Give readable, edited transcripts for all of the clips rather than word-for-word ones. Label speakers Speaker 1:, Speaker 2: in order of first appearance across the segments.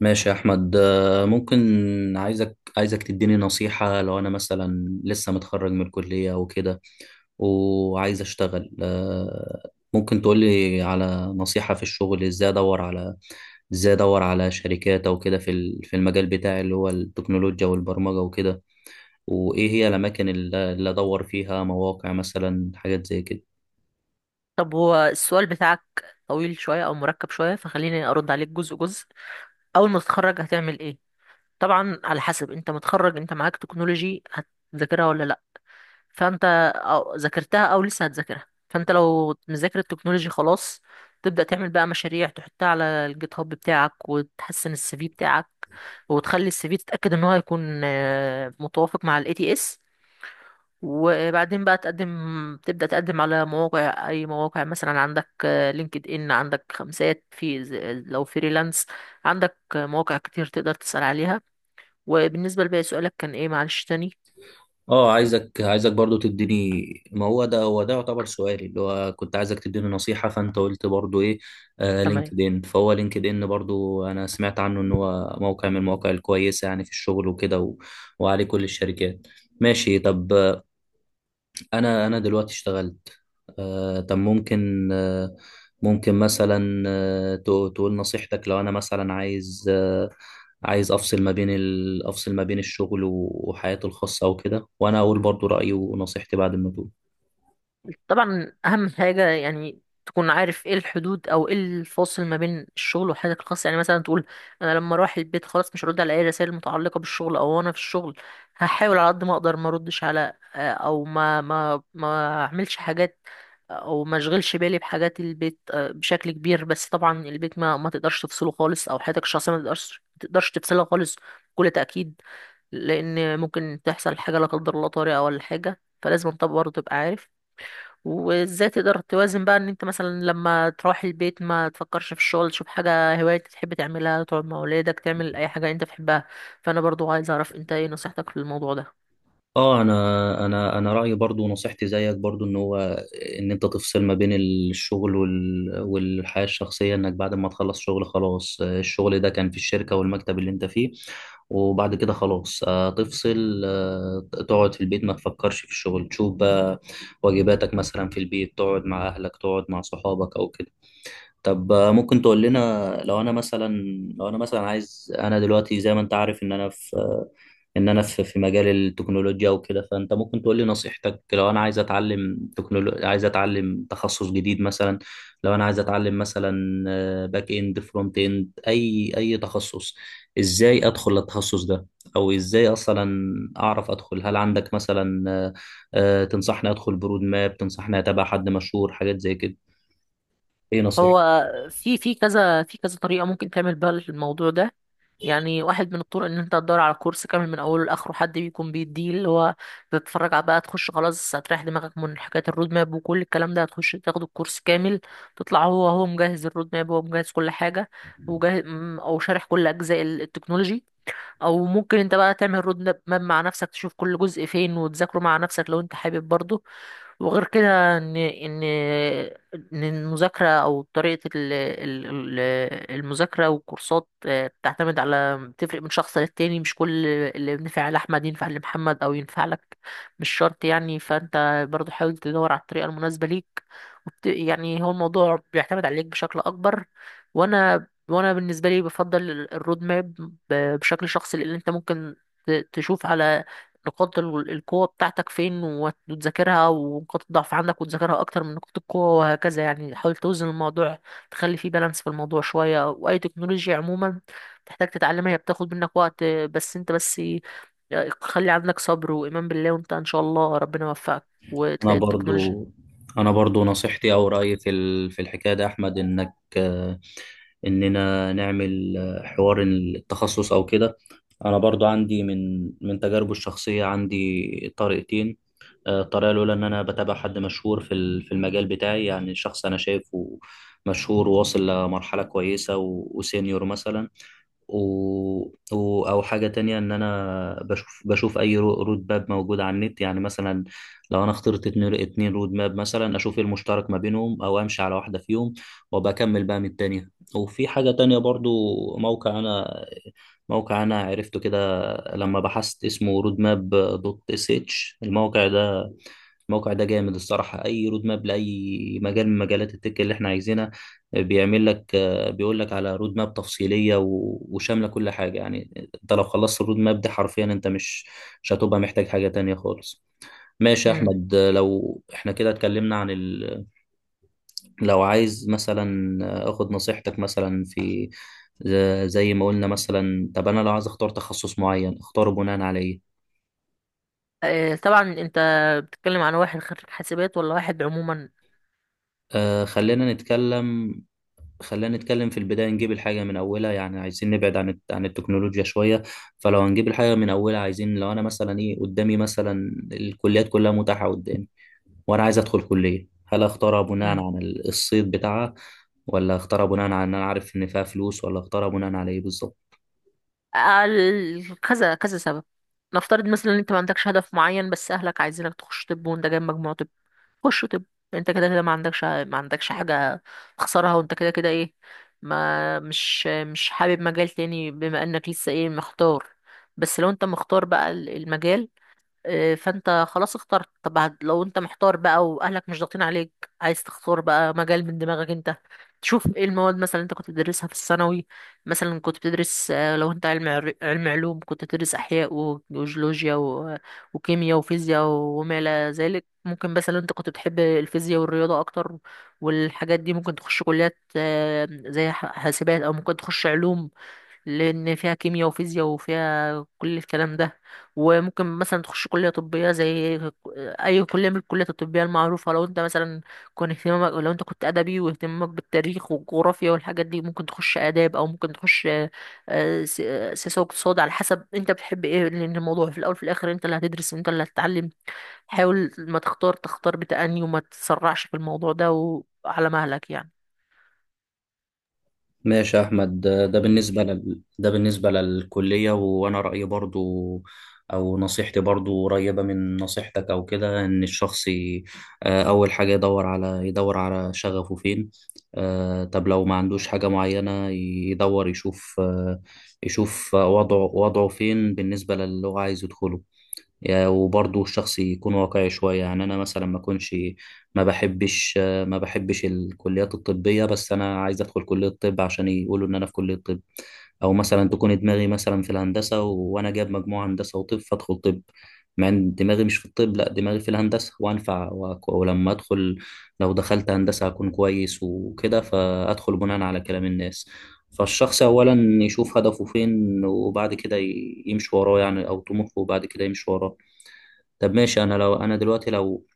Speaker 1: ماشي يا احمد ممكن. عايزك تديني نصيحة لو انا مثلا لسه متخرج من الكلية وكده وعايز اشتغل. ممكن تقولي على نصيحة في الشغل ازاي ادور على شركات او كده في المجال بتاعي اللي هو التكنولوجيا والبرمجة وكده، وايه هي الاماكن اللي ادور فيها، مواقع مثلا، حاجات زي كده.
Speaker 2: طب هو السؤال بتاعك طويل شوية أو مركب شوية، فخليني أرد عليك جزء جزء. أول ما تتخرج هتعمل إيه؟ طبعا على حسب، أنت متخرج، أنت معاك تكنولوجي هتذاكرها ولا لأ؟ فأنت أو ذاكرتها أو لسه هتذاكرها، فأنت لو مذاكر التكنولوجي خلاص تبدأ تعمل بقى مشاريع تحطها على الجيت هاب بتاعك، وتحسن السي في بتاعك، وتخلي السي في تتأكد إن هو هيكون متوافق مع ال ATS. وبعدين بقى تبدأ تقدم على مواقع، أي مواقع. مثلا عندك لينكد إن، عندك خمسات لو فريلانس، عندك مواقع كتير تقدر تسأل عليها. وبالنسبة لباقي سؤالك، كان إيه معلش تاني؟
Speaker 1: اه عايزك برضو تديني. ما هو ده يعتبر سؤالي اللي هو كنت عايزك تديني نصيحة، فانت قلت برضو ايه، آه
Speaker 2: تمام.
Speaker 1: لينكد ان. فهو لينكد ان برضو انا سمعت عنه ان هو موقع من المواقع الكويسة يعني في الشغل وكده وعليه كل الشركات. ماشي طب. انا دلوقتي اشتغلت. طب ممكن ممكن مثلا، تقول نصيحتك لو انا مثلا عايز، عايز افصل ما بين افصل ما بين الشغل وحياتي الخاصة او كده، وانا اقول برضو رأيي ونصيحتي بعد ما تقول.
Speaker 2: طبعا اهم حاجه يعني تكون عارف ايه الحدود او ايه الفاصل ما بين الشغل وحياتك الخاصه. يعني مثلا تقول انا لما اروح البيت خلاص مش هرد على اي رسائل متعلقه بالشغل، او انا في الشغل هحاول على قد ما اقدر ما اردش على او ما اعملش حاجات او ما اشغلش بالي بحاجات البيت بشكل كبير. بس طبعا البيت ما تقدرش تفصله خالص، او حياتك الشخصيه ما تقدرش تفصلها خالص، بكل تاكيد. لان ممكن تحصل حاجه لا قدر الله طارئه ولا حاجه، فلازم انت برضه تبقى عارف وازاي تقدر توازن بقى. ان انت مثلا لما تروح البيت ما تفكرش في الشغل، تشوف حاجة هواية تحب تعملها، تقعد مع ولادك، تعمل اي حاجة انت بتحبها. فانا برضو عايز اعرف انت ايه نصيحتك في الموضوع ده.
Speaker 1: اه انا رايي برضو، نصيحتي زيك برضو، ان هو ان انت تفصل ما بين الشغل والحياه الشخصيه، انك بعد ما تخلص شغل خلاص. الشغل ده كان في الشركه والمكتب اللي انت فيه، وبعد كده خلاص تفصل تقعد في البيت، ما تفكرش في الشغل، تشوف بقى واجباتك مثلا في البيت، تقعد مع اهلك، تقعد مع صحابك او كده. طب ممكن تقول لنا لو انا مثلا، لو انا مثلا عايز انا دلوقتي زي ما انت عارف ان انا في ان انا في مجال التكنولوجيا وكده، فانت ممكن تقول لي نصيحتك لو انا عايز اتعلم عايز اتعلم تخصص جديد مثلا. لو انا عايز اتعلم مثلا، باك اند، فرونت اند، اي تخصص، ازاي ادخل التخصص ده؟ او ازاي اصلا اعرف ادخل؟ هل عندك مثلا تنصحني ادخل برود ماب؟ تنصحني اتابع حد مشهور؟ حاجات زي كده. ايه
Speaker 2: هو
Speaker 1: نصيحتك؟
Speaker 2: في كذا طريقة ممكن تعمل بيها الموضوع ده. يعني واحد من الطرق ان انت تدور على كورس كامل من اوله لاخره، حد بيكون بيديه اللي هو تتفرج على بقى، تخش خلاص هتريح دماغك من حكايه الرود ماب وكل الكلام ده، هتخش تاخد الكورس كامل، تطلع هو مجهز الرود ماب، هو مجهز كل حاجه وجاهز، او شارح كل اجزاء التكنولوجي. او ممكن انت بقى تعمل رود ماب مع نفسك، تشوف كل جزء فين وتذاكره مع نفسك لو انت حابب برضه. وغير كده ان المذاكره او طريقه ال- ال- ال- المذاكره والكورسات بتعتمد على بتفرق من شخص للتاني، مش كل اللي بينفع لاحمد ينفع لمحمد او ينفع لك، مش شرط يعني. فانت برضو حاول تدور على الطريقه المناسبه ليك. يعني هو الموضوع بيعتمد عليك بشكل اكبر. وانا بالنسبه لي، بفضل الرود ماب بشكل شخصي، لان انت ممكن تشوف على نقاط القوة بتاعتك فين وتذاكرها، ونقاط الضعف عندك وتذاكرها أكتر من نقاط القوة، وهكذا. يعني حاول توزن الموضوع، تخلي فيه بالانس في الموضوع شوية. وأي تكنولوجيا عموما تحتاج تتعلمها، هي بتاخد منك وقت، بس أنت بس خلي عندك صبر وإيمان بالله، وأنت إن شاء الله ربنا يوفقك
Speaker 1: انا
Speaker 2: وتلاقي التكنولوجيا.
Speaker 1: برضو انا برضو نصيحتي او رايي في الحكايه ده يا احمد، انك اننا نعمل حوار التخصص او كده. انا برضو عندي من تجاربي الشخصيه عندي طريقتين. الطريقة الأولى إن أنا بتابع حد مشهور في المجال بتاعي، يعني شخص أنا شايفه مشهور وواصل لمرحلة كويسة وسينيور مثلا و... أو حاجة تانية إن أنا بشوف أي رود ماب موجود على النت، يعني مثلا لو أنا اخترت اتنين رود ماب مثلا، أشوف إيه المشترك ما بينهم، أو أمشي على واحدة فيهم وبكمل بقى من التانية. وفي حاجة تانية برضو، موقع أنا موقع أنا عرفته كده لما بحثت، اسمه رود ماب دوت اس اتش. الموقع ده، الموقع ده جامد الصراحة. أي رود ماب لأي مجال من مجالات التك اللي إحنا عايزينها بيعمل لك، بيقول لك على رود ماب تفصيلية وشاملة كل حاجة. يعني أنت لو خلصت الرود ماب دي حرفيا أنت مش هتبقى محتاج حاجة تانية خالص. ماشي يا
Speaker 2: مم.
Speaker 1: أحمد، لو إحنا كده اتكلمنا عن لو عايز مثلا آخد نصيحتك مثلا في، زي ما قلنا مثلا، طب أنا لو عايز أختار تخصص معين، أختاره بناء على إيه؟
Speaker 2: طبعا أنت بتتكلم عن واحد خريج حاسبات ولا واحد عموما؟
Speaker 1: آه خلينا نتكلم في البداية، نجيب الحاجة من أولها، يعني عايزين نبعد عن عن التكنولوجيا شوية. فلو هنجيب الحاجة من أولها، عايزين لو أنا مثلا إيه قدامي، مثلا الكليات كلها متاحة قدامي وأنا عايز أدخل كلية، هل أختارها بناء عن الصيت بتاعها، ولا أختارها بناء على إن أنا عارف إن فيها فلوس، ولا أختارها بناء على إيه بالظبط؟
Speaker 2: كذا كذا سبب. نفترض مثلا ان انت ما عندكش هدف معين بس اهلك عايزينك تخش طب، وانت جايب مجموع طب، خش طب. انت كده كده ما عندكش حاجه تخسرها، وانت كده كده ايه، ما مش حابب مجال تاني، بما انك لسه ايه مختار. بس لو انت مختار بقى المجال، فانت خلاص اخترت طب. لو انت محتار بقى واهلك مش ضاغطين عليك، عايز تختار بقى مجال من دماغك انت، تشوف ايه المواد مثلا انت كنت بتدرسها في الثانوي. مثلا كنت بتدرس لو انت علم علوم، كنت بتدرس احياء وجيولوجيا وكيمياء وفيزياء وما الى ذلك. ممكن مثلا انت كنت بتحب الفيزياء والرياضه اكتر والحاجات دي، ممكن تخش كليات زي حاسبات، او ممكن تخش علوم لان فيها كيمياء وفيزياء وفيها كل الكلام ده. وممكن مثلا تخش كليه طبيه، زي اي كليه من الكليات الطبيه المعروفه. لو انت كنت ادبي واهتمامك بالتاريخ والجغرافيا والحاجات دي، ممكن تخش اداب، او ممكن تخش سياسه واقتصاد، على حسب انت بتحب ايه. لان الموضوع في الاول في الاخر انت اللي هتدرس، انت اللي هتتعلم. حاول ما تختار تختار بتأني، وما تتسرعش في الموضوع ده، وعلى مهلك يعني.
Speaker 1: ماشي يا أحمد، ده بالنسبة ده بالنسبة للكلية. وأنا رأيي برضو أو نصيحتي برضو قريبة من نصيحتك أو كده، إن الشخص أول حاجة يدور على شغفه فين. طب لو ما عندوش حاجة معينة، يدور يشوف يشوف وضعه فين بالنسبة للي هو عايز يدخله. وبرضه الشخص يكون واقعي شوية، يعني أنا مثلا ما أكونش، ما بحبش ما بحبش الكليات الطبية بس أنا عايز أدخل كلية طب عشان يقولوا إن أنا في كلية طب، أو مثلا تكون دماغي مثلا في الهندسة وأنا جايب مجموعة هندسة وطب فأدخل طب مع إن دماغي مش في الطب، لا دماغي في الهندسة وأنفع ولما أدخل، لو دخلت هندسة هكون كويس وكده، فأدخل بناء على كلام الناس. فالشخص أولا يشوف هدفه فين وبعد كده يمشي وراه، يعني أو طموحه وبعد كده يمشي وراه. طب ماشي، انا لو انا دلوقتي، لو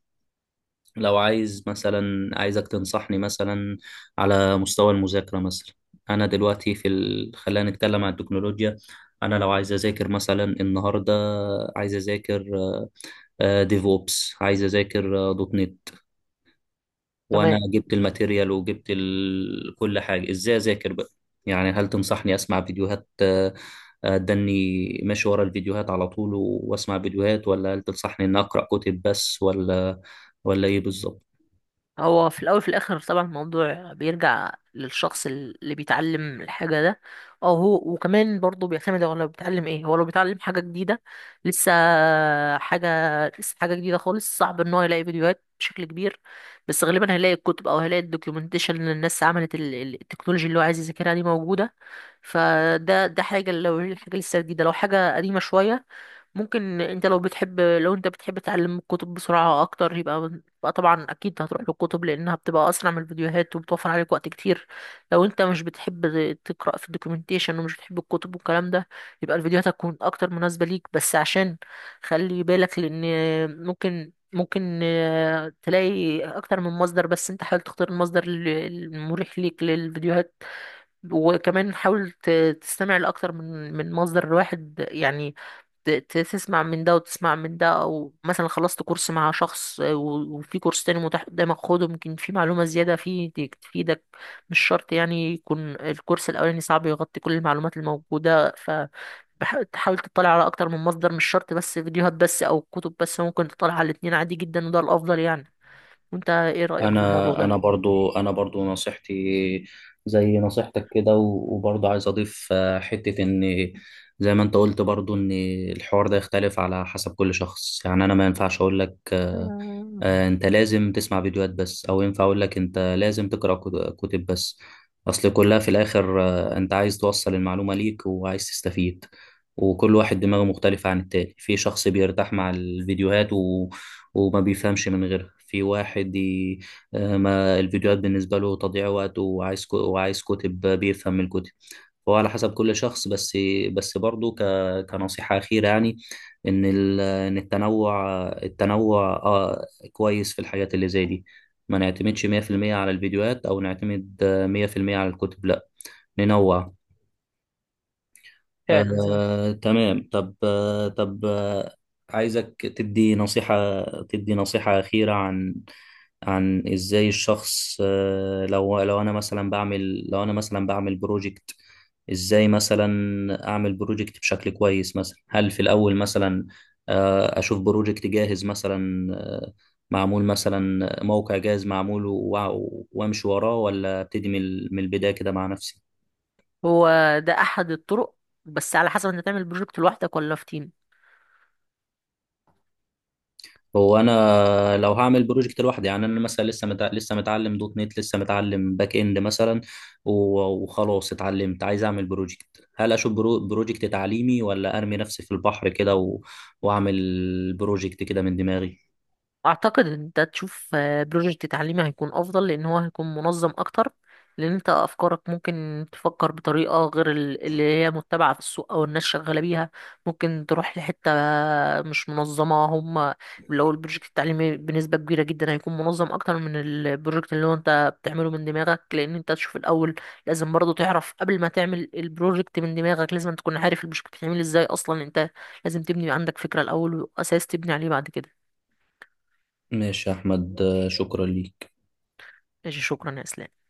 Speaker 1: لو عايز مثلا عايزك تنصحني مثلا على مستوى المذاكره مثلا. انا دلوقتي في خلينا نتكلم عن التكنولوجيا. انا لو عايز اذاكر مثلا النهارده، عايز اذاكر ديفوبس، عايز اذاكر دوت نت، وانا
Speaker 2: تمام.
Speaker 1: جبت الماتيريال وجبت كل حاجه، ازاي اذاكر بقى؟ يعني هل تنصحني اسمع فيديوهات اداني ماشي ورا الفيديوهات على طول واسمع فيديوهات، ولا هل تنصحني ان اقرا كتب بس، ولا ايه بالظبط؟
Speaker 2: هو في الاول في الاخر طبعا الموضوع بيرجع للشخص اللي بيتعلم الحاجه ده، او هو. وكمان برضه بيعتمد، هو لو بيتعلم ايه، هو لو بيتعلم حاجه جديده لسه حاجه لسه حاجه جديده خالص، صعب ان هو يلاقي فيديوهات بشكل كبير، بس غالبا هيلاقي الكتب او هيلاقي الدوكيومنتيشن اللي الناس عملت التكنولوجي اللي هو عايز يذاكرها دي موجوده. فده حاجه لو الحاجه لسه جديده. لو حاجه قديمه شويه، ممكن انت لو انت بتحب تتعلم الكتب بسرعة اكتر، يبقى طبعا اكيد هتروح للكتب لانها بتبقى اسرع من الفيديوهات وبتوفر عليك وقت كتير. لو انت مش بتحب تقرأ في الدوكيومنتيشن، ومش بتحب الكتب والكلام ده، يبقى الفيديوهات هتكون اكتر مناسبة ليك. بس عشان خلي بالك، لان ممكن تلاقي اكتر من مصدر، بس انت حاول تختار المصدر المريح ليك للفيديوهات. وكمان حاول تستمع لأكتر من مصدر واحد يعني. تسمع من ده وتسمع من ده، أو مثلا خلصت كورس مع شخص وفي كورس تاني متاح قدامك، خده، ممكن في معلومة زيادة فيه تفيدك. مش شرط يعني يكون الكورس الأولاني صعب يغطي كل المعلومات الموجودة. ف تحاول تطلع على أكتر من مصدر، مش شرط بس فيديوهات بس أو كتب بس، ممكن تطلع على الاتنين عادي جدا، وده الأفضل يعني. وأنت إيه رأيك في الموضوع
Speaker 1: انا انا
Speaker 2: ده؟
Speaker 1: برضو انا برضو نصيحتي زي نصيحتك كده وبرضو عايز اضيف حتة ان زي ما انت قلت برضو ان الحوار ده يختلف على حسب كل شخص. يعني انا ما ينفعش اقول لك
Speaker 2: آه،
Speaker 1: انت لازم تسمع فيديوهات بس، او ينفع اقول لك انت لازم تقرأ كتب بس. اصل كلها في الاخر انت عايز توصل المعلومة ليك وعايز تستفيد، وكل واحد دماغه مختلفة عن التاني. في شخص بيرتاح مع الفيديوهات وما بيفهمش من غيرها، في واحد ما الفيديوهات بالنسبة له تضييع وقت وعايز وعايز كتب، بيفهم من الكتب. فهو على حسب كل شخص. بس بس برضه ك... كنصيحة أخيرة يعني، إن إن التنوع، آه، كويس في الحاجات اللي زي دي. ما نعتمدش 100% على الفيديوهات، أو نعتمد 100% على الكتب، لا ننوع.
Speaker 2: فعلا زي ما.
Speaker 1: تمام. طب عايزك تدي نصيحة، تدي نصيحة أخيرة عن، عن إزاي الشخص، لو أنا مثلا بعمل، لو أنا مثلا بعمل بروجكت، إزاي مثلا أعمل بروجكت بشكل كويس؟ مثلا هل في الأول مثلا أشوف بروجكت جاهز مثلا، معمول مثلا موقع جاهز معمول وأمشي وراه، ولا أبتدي من من البداية كده مع نفسي؟
Speaker 2: هو ده احد الطرق، بس على حسب انت تعمل بروجكت لوحدك ولا في تيم.
Speaker 1: هو انا لو هعمل بروجكت لوحدي، يعني انا مثلا لسه متعلم دوت نت، لسه متعلم باك اند مثلا و... وخلاص اتعلمت عايز اعمل بروجكت، هل اشوف بروجكت تعليمي، ولا ارمي نفسي في البحر كده واعمل بروجكت كده من دماغي؟
Speaker 2: اعتقد ان انت تشوف بروجكت تعليمي هيكون افضل، لان هو هيكون منظم اكتر، لان انت افكارك ممكن تفكر بطريقه غير اللي هي متبعه في السوق او الناس شغاله بيها، ممكن تروح لحته مش منظمه هم. لو البروجكت التعليمي بنسبه كبيره جدا هيكون منظم اكتر من البروجكت اللي هو انت بتعمله من دماغك. لان انت تشوف الاول، لازم برضه تعرف قبل ما تعمل البروجكت من دماغك، لازم تكون عارف البروجكت بيتعمل ازاي اصلا. انت لازم تبني عندك فكره الاول واساس تبني عليه بعد كده.
Speaker 1: ماشي يا احمد، شكرا ليك.
Speaker 2: ماشي، شكرا يا اسلام.